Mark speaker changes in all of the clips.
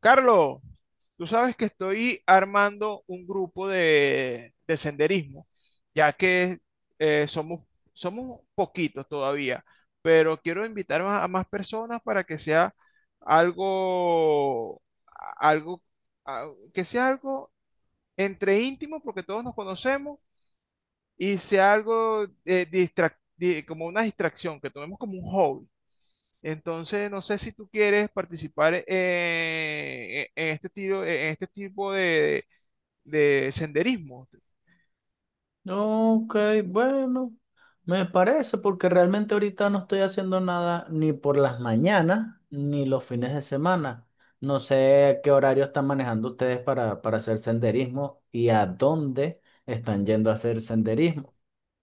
Speaker 1: Carlos, tú sabes que estoy armando un grupo de senderismo, ya que eh, somos, somos poquitos todavía, pero quiero invitar a más personas para que sea algo, algo, que sea algo entre íntimo, porque todos nos conocemos, y sea algo como una distracción, que tomemos como un hobby. Entonces, no sé si tú quieres participar en este tipo de senderismo.
Speaker 2: Ok, bueno, me parece porque realmente ahorita no estoy haciendo nada ni por las mañanas ni los fines de semana. No sé qué horario están manejando ustedes para hacer senderismo y a dónde están yendo a hacer senderismo.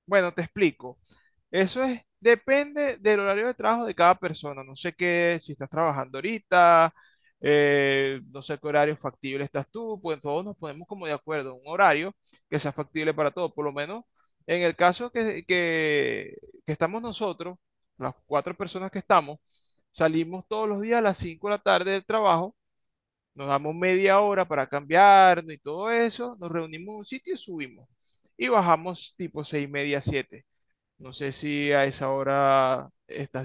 Speaker 1: Bueno, te explico. Eso es, depende del horario de trabajo de cada persona. No sé qué, si estás trabajando ahorita, no sé qué horario factible estás tú, pues todos nos ponemos como de acuerdo, un horario que sea factible para todos. Por lo menos en el caso que estamos nosotros, las 4 personas que estamos, salimos todos los días a las 5 de la tarde del trabajo, nos damos media hora para cambiarnos y todo eso, nos reunimos en un sitio y subimos. Y bajamos tipo 6 y media, 7. No sé si a esa hora estás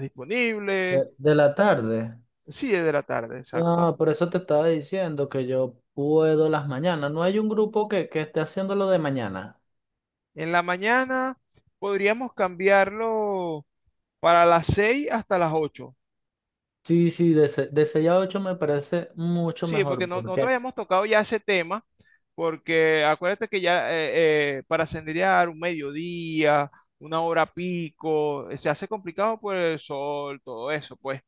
Speaker 2: De,
Speaker 1: disponible.
Speaker 2: de la tarde.
Speaker 1: Sí, es de la tarde, exacto.
Speaker 2: No, por eso te estaba diciendo que yo puedo las mañanas. No hay un grupo que esté haciendo lo de mañana.
Speaker 1: En la mañana podríamos cambiarlo para las 6 hasta las 8.
Speaker 2: Sí, sí, de 6 a 8 me parece mucho
Speaker 1: Sí, porque
Speaker 2: mejor
Speaker 1: nosotros
Speaker 2: porque,
Speaker 1: habíamos tocado ya ese tema, porque acuérdate que ya para senderear un mediodía, una hora pico, se hace complicado por el sol, todo eso, pues.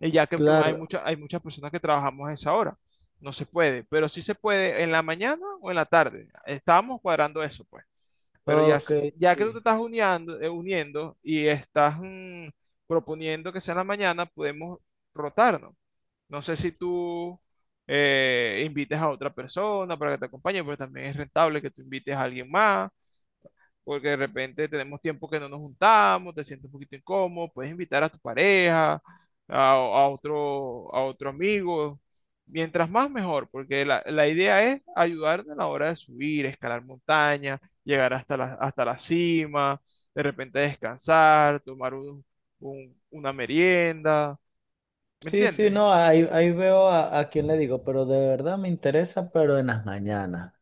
Speaker 1: Y ya que hay
Speaker 2: claro,
Speaker 1: hay muchas personas que trabajamos a esa hora. No se puede, pero sí se puede en la mañana o en la tarde. Estábamos cuadrando eso, pues. Pero ya,
Speaker 2: ok,
Speaker 1: ya que tú te
Speaker 2: sí.
Speaker 1: estás uniando, uniendo y estás proponiendo que sea en la mañana, podemos rotarnos. No sé si tú invites a otra persona para que te acompañe, pero también es rentable que tú invites a alguien más porque de repente tenemos tiempo que no nos juntamos, te sientes un poquito incómodo, puedes invitar a tu pareja, a otro amigo. Mientras más mejor, porque la idea es ayudar a la hora de subir, escalar montañas, llegar hasta la cima, de repente descansar, una merienda. ¿Me
Speaker 2: Sí, sí,
Speaker 1: entiendes?
Speaker 2: no, ahí veo a quién le digo, pero de verdad me interesa, pero en las mañanas.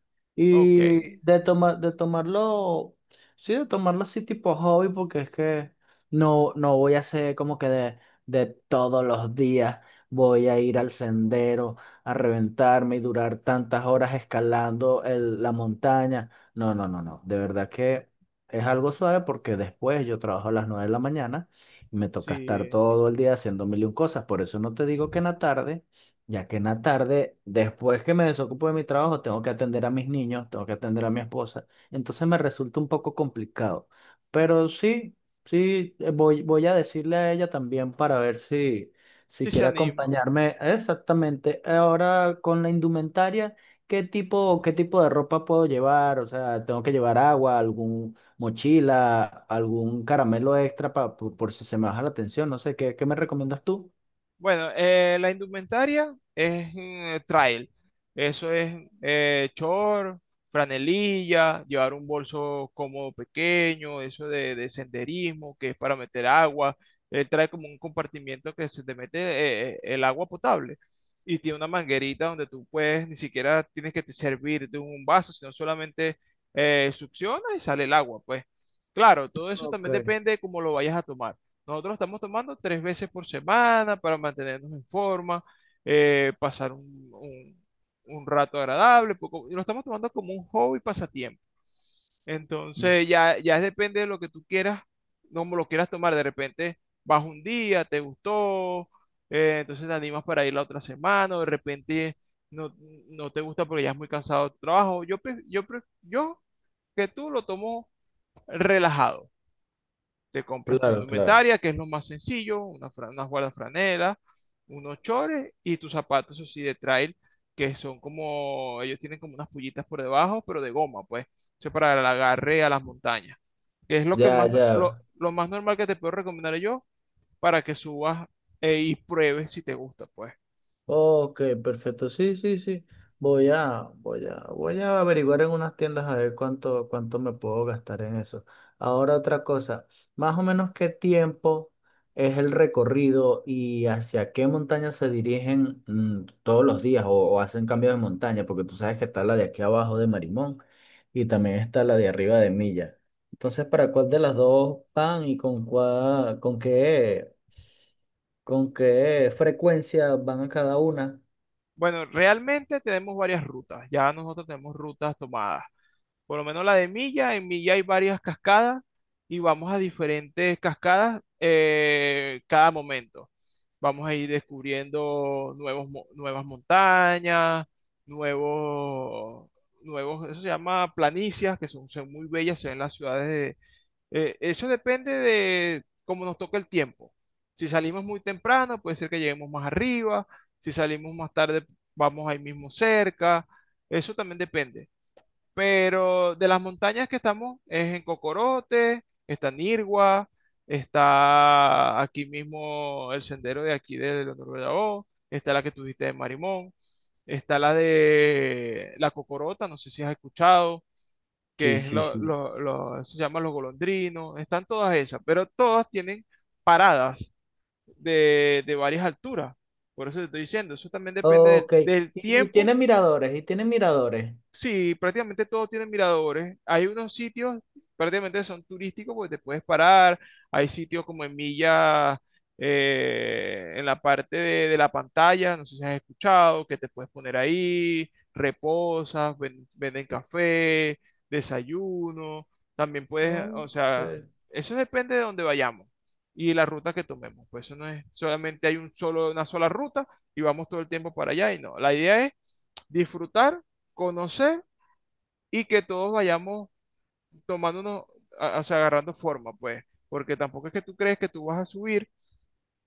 Speaker 1: Ok,
Speaker 2: Y de tomarlo, sí, de tomarlo así tipo hobby, porque es que no, no voy a hacer como que de todos los días voy a ir al sendero a reventarme y durar tantas horas escalando la montaña. No, no, no, no. De verdad que es algo suave porque después yo trabajo a las 9 de la mañana. Me toca estar
Speaker 1: sí,
Speaker 2: todo el día haciendo mil y un cosas. Por eso no te digo que en la tarde, ya que en la tarde, después que me desocupo de mi trabajo, tengo que atender a mis niños, tengo que atender a mi esposa. Entonces me resulta un poco complicado. Pero sí, sí, voy a decirle a ella también para ver si,
Speaker 1: sí se
Speaker 2: quiere
Speaker 1: anima.
Speaker 2: acompañarme. Exactamente. Ahora con la indumentaria. ¿Qué tipo de ropa puedo llevar? O sea, tengo que llevar agua, algún, mochila, algún caramelo extra por si se me baja la tensión, no sé, ¿qué me recomiendas tú?
Speaker 1: Bueno, la indumentaria es trail. Eso es short, franelilla, llevar un bolso cómodo pequeño, eso de senderismo, que es para meter agua. Él trae como un compartimiento que se te mete el agua potable y tiene una manguerita donde tú puedes, ni siquiera tienes que te servir de un vaso, sino solamente succiona y sale el agua. Pues claro, todo eso
Speaker 2: Ok,
Speaker 1: también depende de cómo lo vayas a tomar. Nosotros estamos tomando 3 veces por semana para mantenernos en forma, eh, pasar un, un- un rato agradable, y lo estamos tomando como un hobby pasatiempo. Entonces ya, ya depende de lo que tú quieras, cómo lo quieras tomar. De repente vas un día, te gustó, entonces te animas para ir la otra semana, o de repente no, no te gusta porque ya es muy cansado tu trabajo. Yo que tú lo tomo relajado, te compras tu
Speaker 2: claro, claro.
Speaker 1: indumentaria, que es lo más sencillo, una fra- unas una guardafranelas, unos chores y tus zapatos, eso sí, de trail, que son como, ellos tienen como unas pullitas por debajo, pero de goma, pues, eso para el agarre a las montañas, que es lo que
Speaker 2: Ya,
Speaker 1: más,
Speaker 2: ya.
Speaker 1: lo más normal que te puedo recomendar yo para que subas y pruebes si te gusta, pues.
Speaker 2: Ok, perfecto. Sí, sí, sí. Voy a averiguar en unas tiendas a ver cuánto me puedo gastar en eso. Ahora otra cosa, más o menos qué tiempo es el recorrido y hacia qué montaña se dirigen todos los días o hacen cambios de montaña, porque tú sabes que está la de aquí abajo de Marimón y también está la de arriba de Milla. Entonces, ¿para cuál de las dos van y con qué frecuencia van a cada una?
Speaker 1: Bueno, realmente tenemos varias rutas, ya nosotros tenemos rutas tomadas. Por lo menos la de Milla, en Milla hay varias cascadas y vamos a diferentes cascadas cada momento. Vamos a ir descubriendo nuevas montañas, nuevos, nuevos, eso se llama planicias, que son, son muy bellas, se ven las ciudades de... eso depende de cómo nos toque el tiempo. Si salimos muy temprano, puede ser que lleguemos más arriba. Si salimos más tarde, vamos ahí mismo cerca. Eso también depende. Pero de las montañas que estamos es en Cocorote, está Nirgua, está aquí mismo el sendero de aquí de Leonor Bellao, está la que tú dijiste de Marimón, está la de la Cocorota, no sé si has escuchado, que
Speaker 2: Sí,
Speaker 1: es
Speaker 2: sí, sí.
Speaker 1: se llaman los golondrinos, están todas esas, pero todas tienen paradas de varias alturas. Por eso te estoy diciendo, eso también depende
Speaker 2: Ok. Y,
Speaker 1: del
Speaker 2: y tiene
Speaker 1: tiempo.
Speaker 2: miradores, y tiene miradores.
Speaker 1: Sí, prácticamente todos tienen miradores. Hay unos sitios, prácticamente son turísticos, porque te puedes parar. Hay sitios como en Milla, en la parte de la pantalla, no sé si has escuchado, que te puedes poner ahí, reposas, venden café, desayuno. También puedes, o
Speaker 2: Ok.
Speaker 1: sea, eso depende de dónde vayamos y la ruta que tomemos. Pues eso no es solamente hay un solo, una sola ruta y vamos todo el tiempo para allá y no. La idea es disfrutar, conocer y que todos vayamos tomándonos, o sea, agarrando forma, pues, porque tampoco es que tú crees que tú vas a subir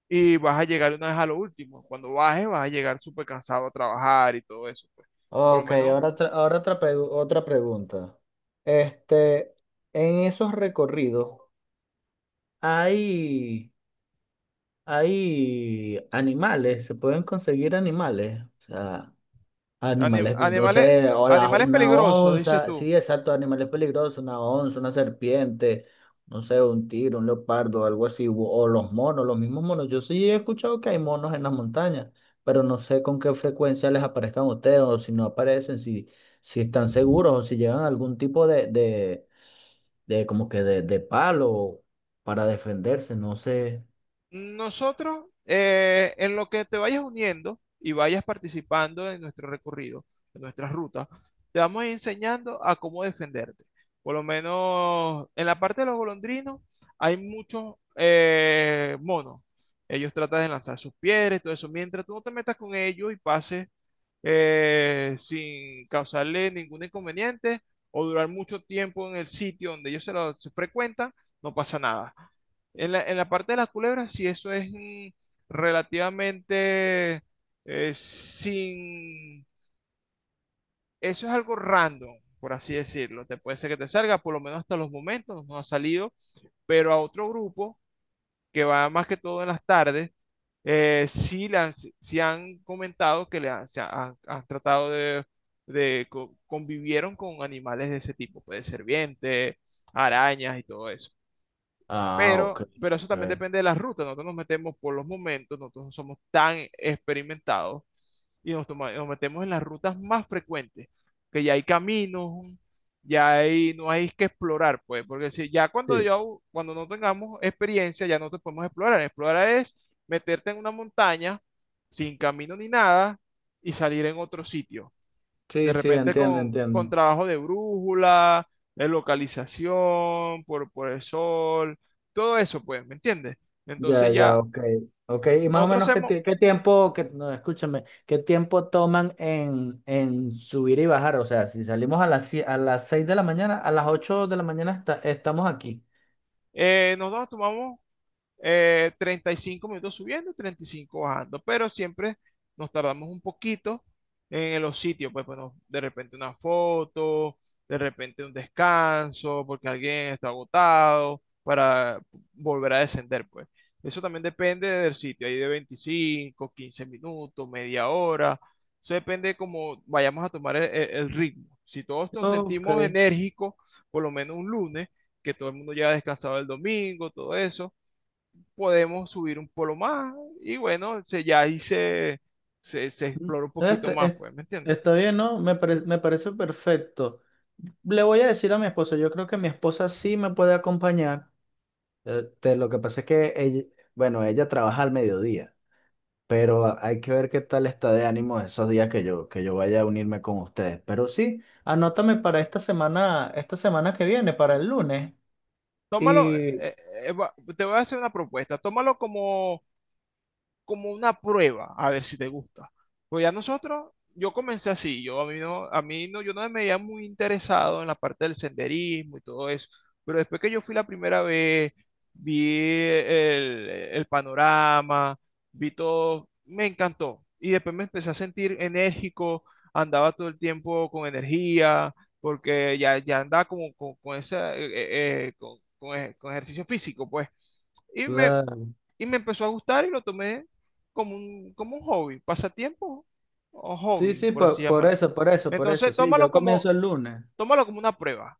Speaker 1: y vas a llegar una vez a lo último. Cuando bajes, vas a llegar súper cansado a trabajar y todo eso, pues. Por lo
Speaker 2: Ok,
Speaker 1: menos,
Speaker 2: ahora, otra pregunta. Este, en esos recorridos, Hay, hay animales, se pueden conseguir animales. O sea, animales peligrosos,
Speaker 1: animales,
Speaker 2: o la-
Speaker 1: animales
Speaker 2: una
Speaker 1: peligrosos, dices
Speaker 2: onza,
Speaker 1: tú.
Speaker 2: sí, exacto, animales peligrosos, una onza, una serpiente, no sé, un tigre, un leopardo, algo así, o los monos, los mismos monos. Yo sí he escuchado que hay monos en las montañas, pero no sé con qué frecuencia les aparezcan a ustedes, o si no aparecen, si, están seguros, o si llevan algún tipo de como que de palo para defenderse, no sé.
Speaker 1: Nosotros, en lo que te vayas uniendo y vayas participando en nuestro recorrido, en nuestras rutas, te vamos enseñando a cómo defenderte. Por lo menos en la parte de los golondrinos hay muchos monos. Ellos tratan de lanzar sus piedras y todo eso. Mientras tú no te metas con ellos y pases sin causarle ningún inconveniente o durar mucho tiempo en el sitio donde ellos se frecuentan, no pasa nada. En en la parte de las culebras, si eso es relativamente sin... Eso es algo random, por así decirlo. Te puede ser que te salga, por lo menos hasta los momentos nos ha salido, pero a otro grupo que va más que todo en las tardes, sí, le han, sí han comentado que le han, han tratado de, convivieron con animales de ese tipo, puede ser serpientes, arañas y todo eso.
Speaker 2: Ah, ok,
Speaker 1: Pero eso también
Speaker 2: ok.
Speaker 1: depende de las rutas. Nosotros nos metemos por los momentos, nosotros no somos tan experimentados y nos metemos en las rutas más frecuentes, que ya hay caminos, ya hay, no hay que explorar, pues, porque si ya cuando
Speaker 2: Sí,
Speaker 1: yo, cuando no tengamos experiencia, ya no te podemos explorar. Explorar es meterte en una montaña sin camino ni nada y salir en otro sitio. De
Speaker 2: sí, sí,
Speaker 1: repente
Speaker 2: entiendo,
Speaker 1: con
Speaker 2: entiendo.
Speaker 1: trabajo de brújula, de localización, por el sol, todo eso, pues, ¿me entiendes?
Speaker 2: Ya,
Speaker 1: Entonces ya
Speaker 2: ya, ok. Ok, y más o
Speaker 1: nosotros
Speaker 2: menos qué,
Speaker 1: hacemos,
Speaker 2: ti- qué tiempo, que, no, escúchame, qué tiempo toman en, subir y bajar. O sea, si salimos a las 6 de la mañana, a las 8 de la mañana estamos aquí.
Speaker 1: nosotros tomamos 35 minutos subiendo, 35 bajando, pero siempre nos tardamos un poquito en los sitios, pues bueno, de repente una foto, de repente un descanso, porque alguien está agotado, para volver a descender, pues. Eso también depende del sitio, ahí de 25, 15 minutos, media hora. Eso depende de cómo vayamos a tomar el ritmo. Si todos nos
Speaker 2: Ok.
Speaker 1: sentimos enérgicos, por lo menos un lunes, que todo el mundo ya ha descansado el domingo, todo eso, podemos subir un polo más y bueno, ya ahí se
Speaker 2: Mm,
Speaker 1: explora un poquito
Speaker 2: Este,
Speaker 1: más,
Speaker 2: es-
Speaker 1: pues, ¿me entiendes?
Speaker 2: Está bien, ¿no? Me parece perfecto. Le voy a decir a mi esposa, yo creo que mi esposa sí me puede acompañar. Lo que pasa es que ella, bueno, ella trabaja al mediodía. Pero hay que ver qué tal está de ánimo esos días que yo vaya a unirme con ustedes. Pero sí, anótame para esta semana que viene, para el lunes.
Speaker 1: Tómalo,
Speaker 2: Y
Speaker 1: eh, te voy a hacer una propuesta, tómalo como como una prueba, a ver si te gusta. Pues ya nosotros, yo comencé así, yo a mí no, yo no me veía muy interesado en la parte del senderismo y todo eso, pero después que yo fui la primera vez, vi el panorama, vi todo, me encantó. Y después me empecé a sentir enérgico, andaba todo el tiempo con energía, porque ya, ya andaba como con esa, con ejercicio físico, pues. Y me,
Speaker 2: Claro.
Speaker 1: y me empezó a gustar y lo tomé como como un hobby, pasatiempo o
Speaker 2: Sí,
Speaker 1: hobby,
Speaker 2: sí,
Speaker 1: por así
Speaker 2: por
Speaker 1: llamarlo.
Speaker 2: eso, por eso, por eso.
Speaker 1: Entonces,
Speaker 2: Sí, yo comienzo el lunes.
Speaker 1: tómalo como una prueba.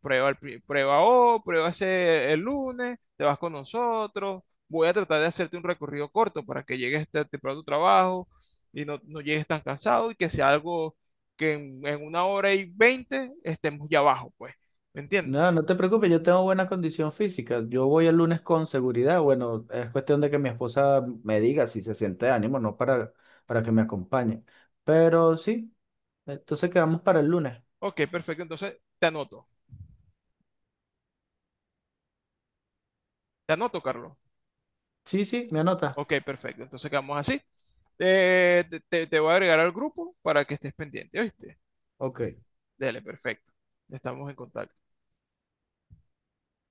Speaker 1: Prueba, prueba hoy, prueba ese el lunes, te vas con nosotros. Voy a tratar de hacerte un recorrido corto para que llegues temprano a tu trabajo y no, no llegues tan cansado y que sea algo que en 1 hora y 20 estemos ya abajo, pues. ¿Me entiendes?
Speaker 2: No, no te preocupes, yo tengo buena condición física. Yo voy el lunes con seguridad. Bueno, es cuestión de que mi esposa me diga si se siente de ánimo, no para que me acompañe. Pero sí, entonces quedamos para el lunes.
Speaker 1: Ok, perfecto. Entonces, te anoto. Te anoto, Carlos.
Speaker 2: Sí, sí, me anota.
Speaker 1: Ok, perfecto. Entonces quedamos así. Te voy a agregar al grupo para que estés pendiente, ¿oíste?
Speaker 2: Ok.
Speaker 1: Dale, perfecto. Estamos en contacto.